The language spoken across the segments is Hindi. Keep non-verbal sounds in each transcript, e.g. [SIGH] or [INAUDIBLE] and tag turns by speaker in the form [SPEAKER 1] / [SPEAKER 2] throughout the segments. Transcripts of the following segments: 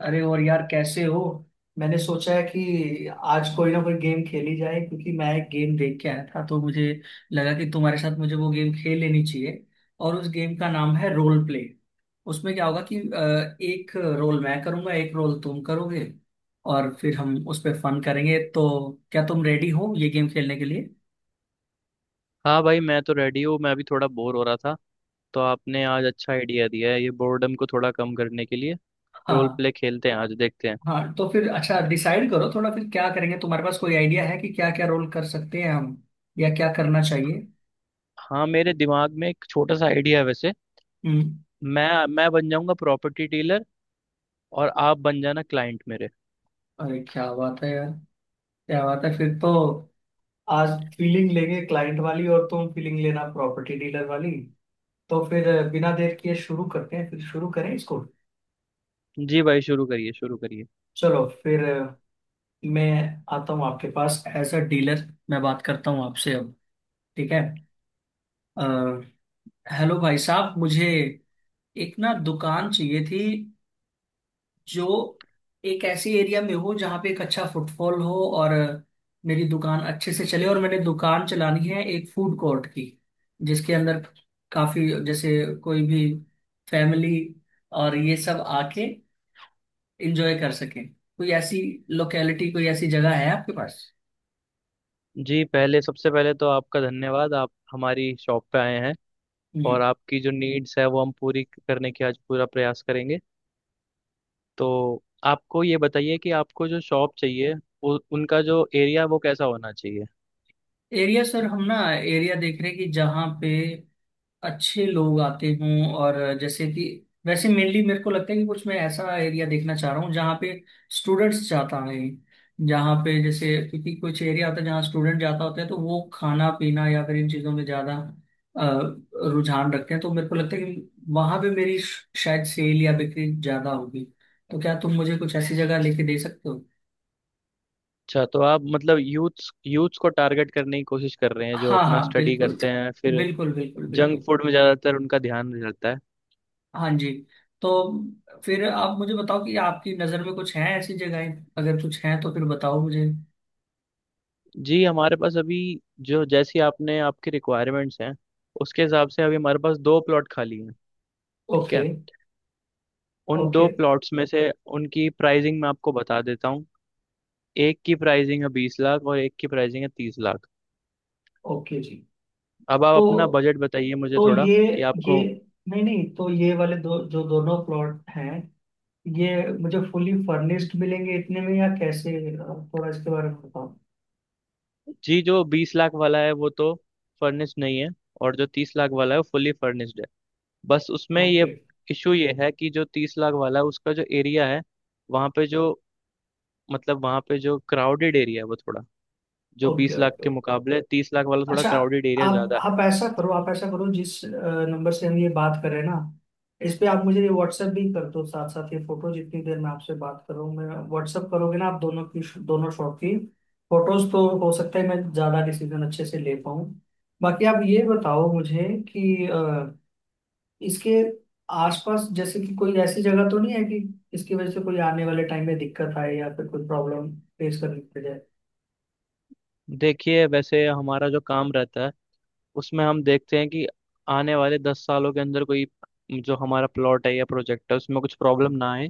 [SPEAKER 1] अरे और यार कैसे हो। मैंने सोचा है कि आज कोई ना कोई गेम खेली जाए क्योंकि मैं एक गेम देख के आया था तो मुझे लगा कि तुम्हारे साथ मुझे वो गेम खेल लेनी चाहिए। और उस गेम का नाम है रोल प्ले। उसमें क्या होगा कि एक रोल मैं करूंगा एक रोल तुम करोगे और फिर हम उस पर फन करेंगे। तो क्या तुम रेडी हो ये गेम खेलने के लिए?
[SPEAKER 2] हाँ भाई मैं तो रेडी हूँ। मैं भी थोड़ा बोर हो रहा था तो आपने आज अच्छा आइडिया दिया है ये बोर्डम को थोड़ा कम करने के लिए। रोल
[SPEAKER 1] हाँ।
[SPEAKER 2] प्ले खेलते हैं आज देखते हैं।
[SPEAKER 1] हाँ तो फिर अच्छा डिसाइड करो थोड़ा फिर क्या करेंगे, तुम्हारे पास कोई आइडिया है कि क्या क्या रोल कर सकते हैं हम या क्या करना चाहिए?
[SPEAKER 2] हाँ मेरे दिमाग में एक छोटा सा आइडिया है वैसे।
[SPEAKER 1] हम्म।
[SPEAKER 2] मैं बन जाऊंगा प्रॉपर्टी डीलर और आप बन जाना क्लाइंट मेरे।
[SPEAKER 1] अरे क्या बात है यार। क्या बात है फिर तो। आज फीलिंग लेंगे क्लाइंट वाली और तुम फीलिंग लेना प्रॉपर्टी डीलर वाली। तो फिर बिना देर किए शुरू करते हैं, फिर शुरू करें इसको।
[SPEAKER 2] जी भाई शुरू करिए शुरू करिए।
[SPEAKER 1] चलो फिर। मैं आता हूँ आपके पास एज अ डीलर, मैं बात करता हूँ आपसे अब। ठीक है। अ, हेलो भाई साहब, मुझे एक ना दुकान चाहिए थी जो एक ऐसी एरिया में हो जहाँ पे एक अच्छा फुटफॉल हो और मेरी दुकान अच्छे से चले, और मैंने दुकान चलानी है एक फूड कोर्ट की जिसके अंदर काफी जैसे कोई भी फैमिली और ये सब आके एंजॉय कर सके। कोई ऐसी लोकेलिटी, कोई ऐसी जगह है आपके पास?
[SPEAKER 2] जी पहले सबसे पहले तो आपका धन्यवाद, आप हमारी शॉप पे आए हैं।
[SPEAKER 1] हम्म।
[SPEAKER 2] और आपकी जो नीड्स है वो हम पूरी करने की आज पूरा प्रयास करेंगे। तो आपको ये बताइए कि आपको जो शॉप चाहिए, उनका जो एरिया वो कैसा होना चाहिए।
[SPEAKER 1] एरिया सर, हम ना एरिया देख रहे हैं कि जहाँ पे अच्छे लोग आते हों, और जैसे कि वैसे मेनली मेरे को लगता है कि कुछ मैं ऐसा एरिया देखना चाह रहा हूँ जहाँ पे स्टूडेंट्स जाता है। जहाँ पे जैसे, क्योंकि कुछ एरिया होता है जहाँ स्टूडेंट जाता होता है तो वो खाना पीना या फिर इन चीज़ों में ज़्यादा अ, रुझान रखते हैं। तो मेरे को लगता है कि वहाँ पे मेरी शायद सेल या बिक्री ज़्यादा होगी। तो क्या तुम मुझे कुछ ऐसी जगह लेके दे सकते हो?
[SPEAKER 2] अच्छा तो आप मतलब यूथ्स यूथ्स को टारगेट करने की कोशिश कर रहे हैं जो
[SPEAKER 1] हाँ
[SPEAKER 2] अपना
[SPEAKER 1] हाँ,
[SPEAKER 2] स्टडी
[SPEAKER 1] बिल्कुल
[SPEAKER 2] करते हैं फिर।
[SPEAKER 1] बिल्कुल बिल्कुल
[SPEAKER 2] जंक
[SPEAKER 1] बिल्कुल।
[SPEAKER 2] फूड में ज़्यादातर उनका ध्यान रहता है।
[SPEAKER 1] हाँ जी। तो फिर आप मुझे बताओ कि आपकी नज़र में कुछ हैं ऐसी जगहें? अगर कुछ हैं तो फिर बताओ मुझे।
[SPEAKER 2] जी हमारे पास अभी जो जैसी आपने आपकी रिक्वायरमेंट्स हैं उसके हिसाब से अभी हमारे पास दो प्लॉट खाली हैं। ठीक
[SPEAKER 1] ओके
[SPEAKER 2] है। उन
[SPEAKER 1] ओके
[SPEAKER 2] दो प्लॉट्स में से उनकी प्राइसिंग मैं आपको बता देता हूँ। एक की प्राइसिंग है 20 लाख और एक की प्राइसिंग है 30 लाख।
[SPEAKER 1] ओके जी।
[SPEAKER 2] अब आप
[SPEAKER 1] तो
[SPEAKER 2] अपना बजट बताइए मुझे
[SPEAKER 1] तो
[SPEAKER 2] थोड़ा कि
[SPEAKER 1] ये
[SPEAKER 2] आपको।
[SPEAKER 1] नहीं नहीं, तो ये वाले दो जो दोनों प्लॉट हैं, ये मुझे फुली फर्निश्ड मिलेंगे इतने में या कैसे? थोड़ा इसके बारे में बताओ।
[SPEAKER 2] जी जो बीस लाख वाला है वो तो फर्निश्ड नहीं है। और जो तीस लाख वाला है वो फुली फर्निश्ड है। बस उसमें ये
[SPEAKER 1] ओके
[SPEAKER 2] इशू ये है कि जो तीस लाख वाला है उसका जो एरिया है, वहाँ पे जो मतलब वहाँ पे जो क्राउडेड एरिया है वो थोड़ा, जो बीस
[SPEAKER 1] ओके
[SPEAKER 2] लाख
[SPEAKER 1] ओके।
[SPEAKER 2] के मुकाबले तीस लाख वाला थोड़ा
[SPEAKER 1] अच्छा।
[SPEAKER 2] क्राउडेड एरिया ज़्यादा है।
[SPEAKER 1] आप ऐसा करो, जिस नंबर से हम ये बात करें ना इस पे आप मुझे ये व्हाट्सएप भी कर दो। साथ साथ ये फोटो, जितनी देर में आपसे बात कर रहा हूँ मैं, व्हाट्सएप करोगे ना आप दोनों की, दोनों शॉट की फोटोज, तो हो सकता है मैं ज्यादा डिसीजन अच्छे से ले पाऊँ। बाकी आप ये बताओ मुझे कि इसके आसपास जैसे कि कोई ऐसी जगह तो नहीं है कि इसकी वजह से कोई आने वाले टाइम में दिक्कत आए या फिर कोई प्रॉब्लम फेस करनी पड़
[SPEAKER 2] देखिए वैसे हमारा जो काम रहता है उसमें हम देखते हैं कि आने वाले 10 सालों के अंदर कोई जो हमारा प्लॉट है या प्रोजेक्ट है उसमें कुछ प्रॉब्लम ना आए।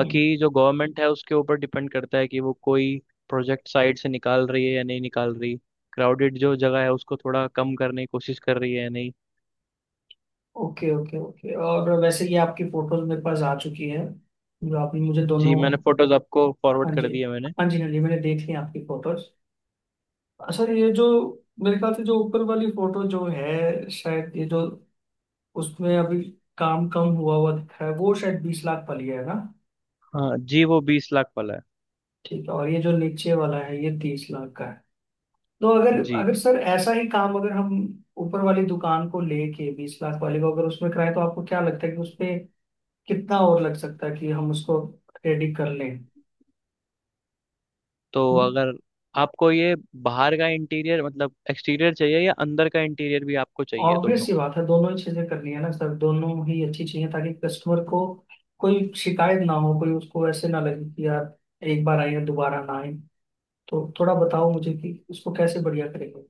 [SPEAKER 1] जाए?
[SPEAKER 2] जो गवर्नमेंट है उसके ऊपर डिपेंड करता है कि वो कोई प्रोजेक्ट साइड से निकाल रही है या नहीं निकाल रही। क्राउडेड जो जगह है उसको थोड़ा कम करने की कोशिश कर रही है या नहीं।
[SPEAKER 1] Okay okay okay. और वैसे ये आपकी फोटोज मेरे पास आ चुकी है जो आपने मुझे
[SPEAKER 2] जी
[SPEAKER 1] दोनों।
[SPEAKER 2] मैंने फोटोज आपको फॉरवर्ड
[SPEAKER 1] हाँ जी।
[SPEAKER 2] कर दिए मैंने।
[SPEAKER 1] हाँ जी हाँ जी, मैंने देख ली आपकी फोटोज। सर ये जो, मेरे ख्याल से जो ऊपर वाली फोटो जो है, शायद ये जो उसमें अभी काम कम हुआ हुआ दिख रहा है वो शायद 20 लाख वाली है ना?
[SPEAKER 2] हाँ जी, वो बीस लाख वाला है।
[SPEAKER 1] ठीक है। और ये जो नीचे वाला है ये 30 लाख का है। तो अगर
[SPEAKER 2] जी।
[SPEAKER 1] अगर सर ऐसा ही काम अगर हम ऊपर वाली दुकान को लेके, 20 लाख वाले को, अगर उसमें कराए तो आपको क्या लगता है कि उसपे कितना और लग सकता है कि हम उसको रेडी कर लें?
[SPEAKER 2] तो अगर आपको ये बाहर का इंटीरियर मतलब एक्सटीरियर चाहिए या अंदर का इंटीरियर भी आपको चाहिए,
[SPEAKER 1] ऑब्वियस
[SPEAKER 2] दोनों?
[SPEAKER 1] सी बात है, दोनों ही चीजें करनी है ना सर, दोनों ही अच्छी चीजें, ताकि कस्टमर को कोई शिकायत ना हो, कोई उसको ऐसे ना लगे कि यार एक बार आए हैं दोबारा ना आए। तो थोड़ा बताओ मुझे कि उसको कैसे बढ़िया करेंगे?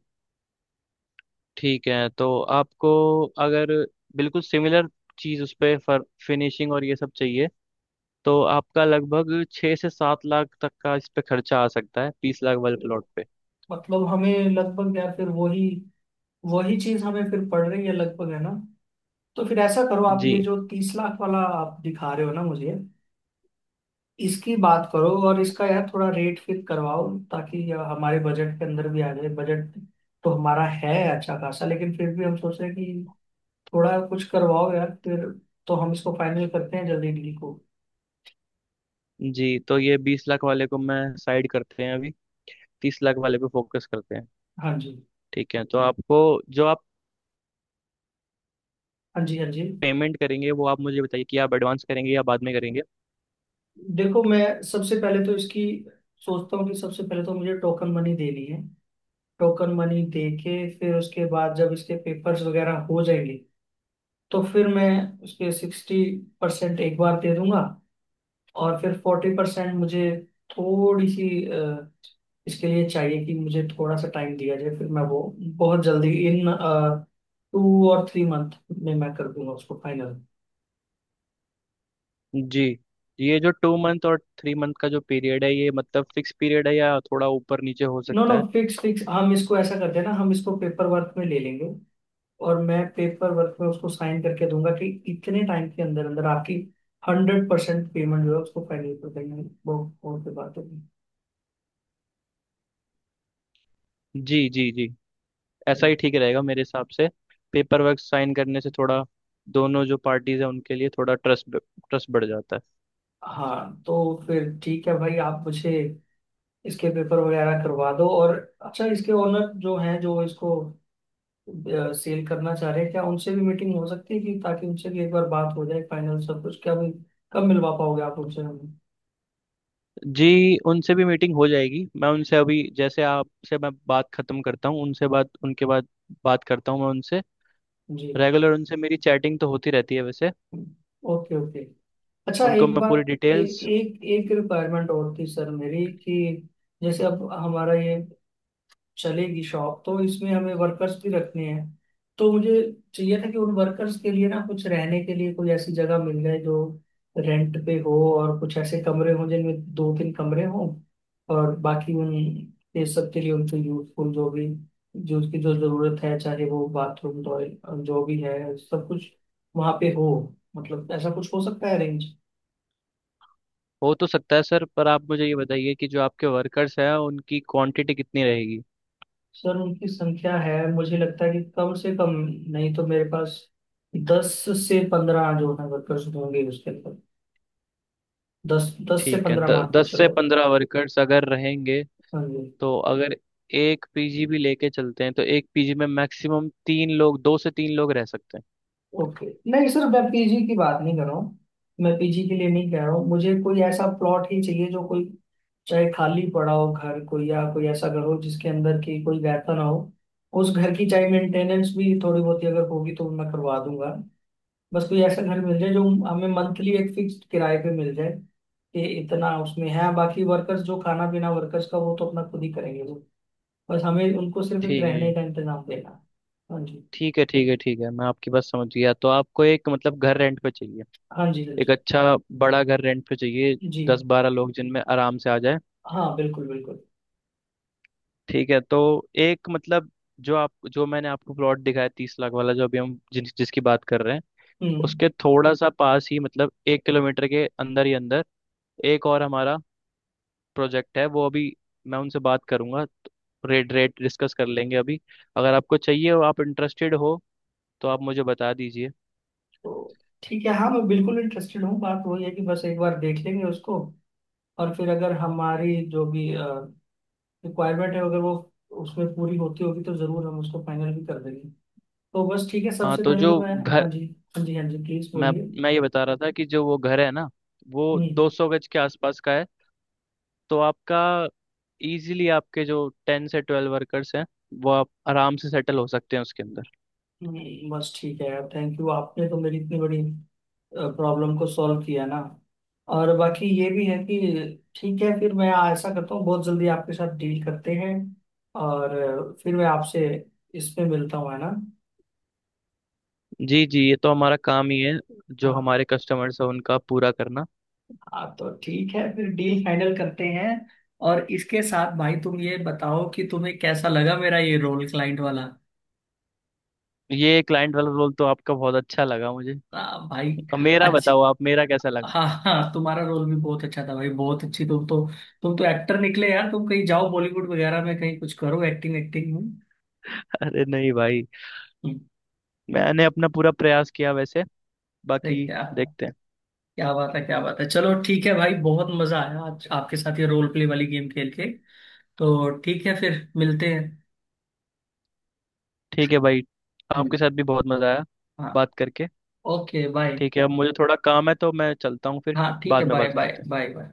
[SPEAKER 2] ठीक है, तो आपको अगर बिल्कुल सिमिलर चीज़ उस पे फर फिनिशिंग और ये सब चाहिए तो आपका लगभग 6 से 7 लाख तक का इस पे खर्चा आ सकता है बीस लाख वाले प्लॉट पे।
[SPEAKER 1] मतलब हमें लगभग यार फिर वही वही चीज हमें फिर पड़ रही है लगभग, है ना? तो फिर ऐसा करो, आप
[SPEAKER 2] जी
[SPEAKER 1] ये जो 30 लाख वाला आप दिखा रहे हो ना मुझे, इसकी बात करो और इसका यार थोड़ा रेट फिक्स करवाओ ताकि यह हमारे बजट के अंदर भी आ जाए। बजट तो हमारा है अच्छा खासा, लेकिन फिर भी हम सोच रहे हैं कि थोड़ा कुछ करवाओ यार फिर, तो हम इसको फाइनल करते हैं जल्दी डील को।
[SPEAKER 2] जी। तो ये बीस लाख वाले को मैं साइड करते हैं अभी, तीस लाख वाले पे फोकस करते हैं।
[SPEAKER 1] हाँ जी
[SPEAKER 2] ठीक है तो आपको जो आप
[SPEAKER 1] हाँ जी हाँ जी।
[SPEAKER 2] पेमेंट करेंगे वो आप मुझे बताइए कि आप एडवांस करेंगे या बाद में करेंगे।
[SPEAKER 1] देखो मैं, सबसे पहले तो इसकी सोचता हूँ कि सबसे पहले तो मुझे टोकन मनी देनी है। टोकन मनी दे के फिर उसके बाद जब इसके पेपर्स वगैरह हो जाएंगे तो फिर मैं उसके 60% एक बार दे दूंगा। और फिर 40% मुझे, थोड़ी सी इसके लिए चाहिए कि मुझे थोड़ा सा टाइम दिया जाए, फिर मैं वो बहुत जल्दी इन 2 और 3 मंथ में मैं कर दूंगा उसको फाइनल।
[SPEAKER 2] जी ये जो टू मंथ और थ्री मंथ का जो पीरियड है ये मतलब फिक्स पीरियड है या थोड़ा ऊपर नीचे हो
[SPEAKER 1] नो नो,
[SPEAKER 2] सकता है?
[SPEAKER 1] फिक्स फिक्स, हम इसको ऐसा करते हैं ना, हम इसको पेपर वर्क में ले लेंगे। और मैं पेपर वर्क में उसको साइन करके दूंगा कि इतने टाइम के अंदर अंदर आपकी 100% पेमेंट जो है उसको फाइनल कर देंगे वो। और फिर बात होगी।
[SPEAKER 2] जी जी जी, ऐसा
[SPEAKER 1] हम्म।
[SPEAKER 2] ही ठीक रहेगा मेरे हिसाब से। पेपर वर्क साइन करने से थोड़ा दोनों जो पार्टीज हैं उनके लिए थोड़ा ट्रस्ट ट्रस्ट बढ़ जाता है।
[SPEAKER 1] हाँ तो फिर ठीक है भाई, आप मुझे इसके पेपर वगैरह करवा दो। और अच्छा, इसके ओनर जो हैं जो इसको सेल करना चाह रहे हैं, क्या उनसे भी मीटिंग हो सकती है कि ताकि उनसे भी एक बार बात हो जाए फाइनल सब कुछ, क्या भी कब मिलवा पाओगे आप उनसे हमें?
[SPEAKER 2] जी उनसे भी मीटिंग हो जाएगी, मैं उनसे अभी जैसे आपसे मैं बात खत्म करता हूँ उनसे बात उनके बाद बात करता हूँ मैं उनसे।
[SPEAKER 1] जी।
[SPEAKER 2] रेगुलर उनसे मेरी चैटिंग तो होती रहती है वैसे।
[SPEAKER 1] Okay okay. अच्छा
[SPEAKER 2] उनको
[SPEAKER 1] एक
[SPEAKER 2] मैं पूरी
[SPEAKER 1] बात,
[SPEAKER 2] डिटेल्स।
[SPEAKER 1] एक एक रिक्वायरमेंट और थी सर मेरी कि जैसे अब हमारा ये चलेगी शॉप, तो इसमें हमें वर्कर्स भी रखने हैं, तो मुझे चाहिए था कि उन वर्कर्स के लिए ना कुछ रहने के लिए कोई ऐसी जगह मिल जाए जो रेंट पे हो और कुछ ऐसे कमरे हों जिनमें दो तीन कमरे हों, और बाकी उन, ये सब के लिए उनको यूजफुल जो भी, जो उसकी जो जरूरत है, चाहे वो बाथरूम टॉयलेट जो भी है, सब कुछ वहाँ पे हो। मतलब ऐसा कुछ हो सकता है अरेंज?
[SPEAKER 2] हो तो सकता है सर, पर आप मुझे ये बताइए कि जो आपके वर्कर्स हैं उनकी क्वांटिटी कितनी रहेगी।
[SPEAKER 1] सर उनकी संख्या है, मुझे लगता है कि कम से कम, नहीं तो मेरे पास 10 से 15 जो है वर्कर्स होंगे उसके अंदर। दस दस से
[SPEAKER 2] ठीक है
[SPEAKER 1] पंद्रह मान के
[SPEAKER 2] दस से
[SPEAKER 1] चलो।
[SPEAKER 2] पंद्रह वर्कर्स अगर रहेंगे
[SPEAKER 1] हाँ जी।
[SPEAKER 2] तो अगर एक पीजी भी लेके चलते हैं तो एक पीजी में मैक्सिमम तीन लोग, दो से तीन लोग रह सकते हैं।
[SPEAKER 1] ओके। नहीं सर, मैं पीजी की बात नहीं कर रहा हूँ। मैं पीजी के लिए नहीं कह रहा हूँ, मुझे कोई ऐसा प्लॉट ही चाहिए जो कोई, चाहे खाली पड़ा हो घर कोई, या कोई ऐसा घर हो जिसके अंदर की कोई वैसा ना हो। उस घर की चाहे मेंटेनेंस भी थोड़ी बहुत ही अगर होगी तो मैं करवा दूंगा। बस कोई ऐसा घर मिल जाए जो हमें मंथली एक फिक्स्ड किराए पे मिल जाए कि इतना उसमें है, बाकी वर्कर्स जो खाना पीना वर्कर्स का वो तो अपना खुद ही करेंगे वो। बस हमें उनको सिर्फ एक रहने
[SPEAKER 2] ठीक
[SPEAKER 1] का इंतजाम देना है। हाँ जी
[SPEAKER 2] ठीक है, ठीक है, ठीक है, मैं आपकी बात समझ गया। तो आपको एक मतलब घर रेंट पे चाहिए,
[SPEAKER 1] हाँ जी हाँ
[SPEAKER 2] एक
[SPEAKER 1] जी
[SPEAKER 2] अच्छा बड़ा घर रेंट पे चाहिए
[SPEAKER 1] जी।
[SPEAKER 2] दस बारह लोग जिनमें आराम से आ जाए।
[SPEAKER 1] हाँ बिल्कुल बिल्कुल।
[SPEAKER 2] ठीक है तो एक मतलब जो आप, जो मैंने आपको प्लॉट दिखाया तीस लाख वाला, जो अभी हम जिसकी बात कर रहे हैं,
[SPEAKER 1] हम्म
[SPEAKER 2] उसके थोड़ा सा पास ही मतलब 1 किलोमीटर के अंदर ही अंदर एक और हमारा प्रोजेक्ट है वो अभी। मैं उनसे बात करूंगा, रेट रेट डिस्कस कर लेंगे अभी। अगर आपको चाहिए और आप इंटरेस्टेड हो तो आप मुझे बता दीजिए।
[SPEAKER 1] तो ठीक है, हाँ मैं बिल्कुल इंटरेस्टेड हूँ, बात वही है कि बस एक बार देख लेंगे उसको, और फिर अगर हमारी जो भी रिक्वायरमेंट है, अगर वो उसमें पूरी होती होगी, तो जरूर हम उसको फाइनल भी कर देंगे। तो बस ठीक है,
[SPEAKER 2] हाँ
[SPEAKER 1] सबसे
[SPEAKER 2] तो
[SPEAKER 1] पहले
[SPEAKER 2] जो
[SPEAKER 1] तो मैं। हाँ
[SPEAKER 2] घर,
[SPEAKER 1] जी हाँ जी हाँ जी, प्लीज
[SPEAKER 2] मैं
[SPEAKER 1] बोलिए।
[SPEAKER 2] मैं ये बता रहा था कि जो वो घर है ना वो
[SPEAKER 1] हम्म।
[SPEAKER 2] 200 गज के आसपास का है। तो आपका इजीली आपके जो 10 से 12 वर्कर्स हैं वो आप आराम से सेटल हो सकते हैं उसके अंदर।
[SPEAKER 1] बस ठीक है यार, थैंक यू, आपने तो मेरी इतनी बड़ी प्रॉब्लम को सॉल्व किया ना। और बाकी ये भी है कि ठीक है, फिर मैं ऐसा करता हूँ, बहुत जल्दी आपके साथ डील करते हैं, और फिर मैं आपसे इसमें मिलता हूँ, है ना?
[SPEAKER 2] जी जी, ये तो हमारा काम ही है जो
[SPEAKER 1] हाँ
[SPEAKER 2] हमारे कस्टमर्स हैं उनका पूरा करना।
[SPEAKER 1] हाँ तो ठीक है, फिर डील फाइनल करते हैं। और इसके साथ भाई तुम ये बताओ कि तुम्हें कैसा लगा मेरा ये रोल, क्लाइंट वाला?
[SPEAKER 2] ये क्लाइंट वाला रोल तो आपका बहुत अच्छा लगा मुझे।
[SPEAKER 1] भाई।
[SPEAKER 2] अब मेरा
[SPEAKER 1] अच्छा।
[SPEAKER 2] बताओ आप, मेरा कैसा लगा?
[SPEAKER 1] हाँ हाँ, तुम्हारा रोल भी बहुत अच्छा था भाई, बहुत अच्छी तुम तो, एक्टर निकले यार, तुम कहीं जाओ बॉलीवुड वगैरह में, कहीं कुछ करो एक्टिंग, में।
[SPEAKER 2] [LAUGHS] अरे नहीं भाई,
[SPEAKER 1] हम्म,
[SPEAKER 2] मैंने अपना पूरा प्रयास किया वैसे,
[SPEAKER 1] सही
[SPEAKER 2] बाकी
[SPEAKER 1] क्या?
[SPEAKER 2] देखते हैं।
[SPEAKER 1] क्या बात है, क्या बात है। चलो ठीक है भाई, बहुत मजा आया आज आपके साथ ये रोल प्ले वाली गेम खेल के। तो ठीक है फिर, मिलते हैं।
[SPEAKER 2] ठीक है भाई,
[SPEAKER 1] हम्म,
[SPEAKER 2] आपके साथ भी बहुत मजा आया
[SPEAKER 1] हाँ
[SPEAKER 2] बात करके।
[SPEAKER 1] Okay bye.
[SPEAKER 2] ठीक है, अब मुझे थोड़ा काम है तो मैं चलता हूँ फिर।
[SPEAKER 1] हाँ ठीक है,
[SPEAKER 2] बाद में
[SPEAKER 1] बाय
[SPEAKER 2] बात
[SPEAKER 1] बाय
[SPEAKER 2] करते हैं।
[SPEAKER 1] Bye bye.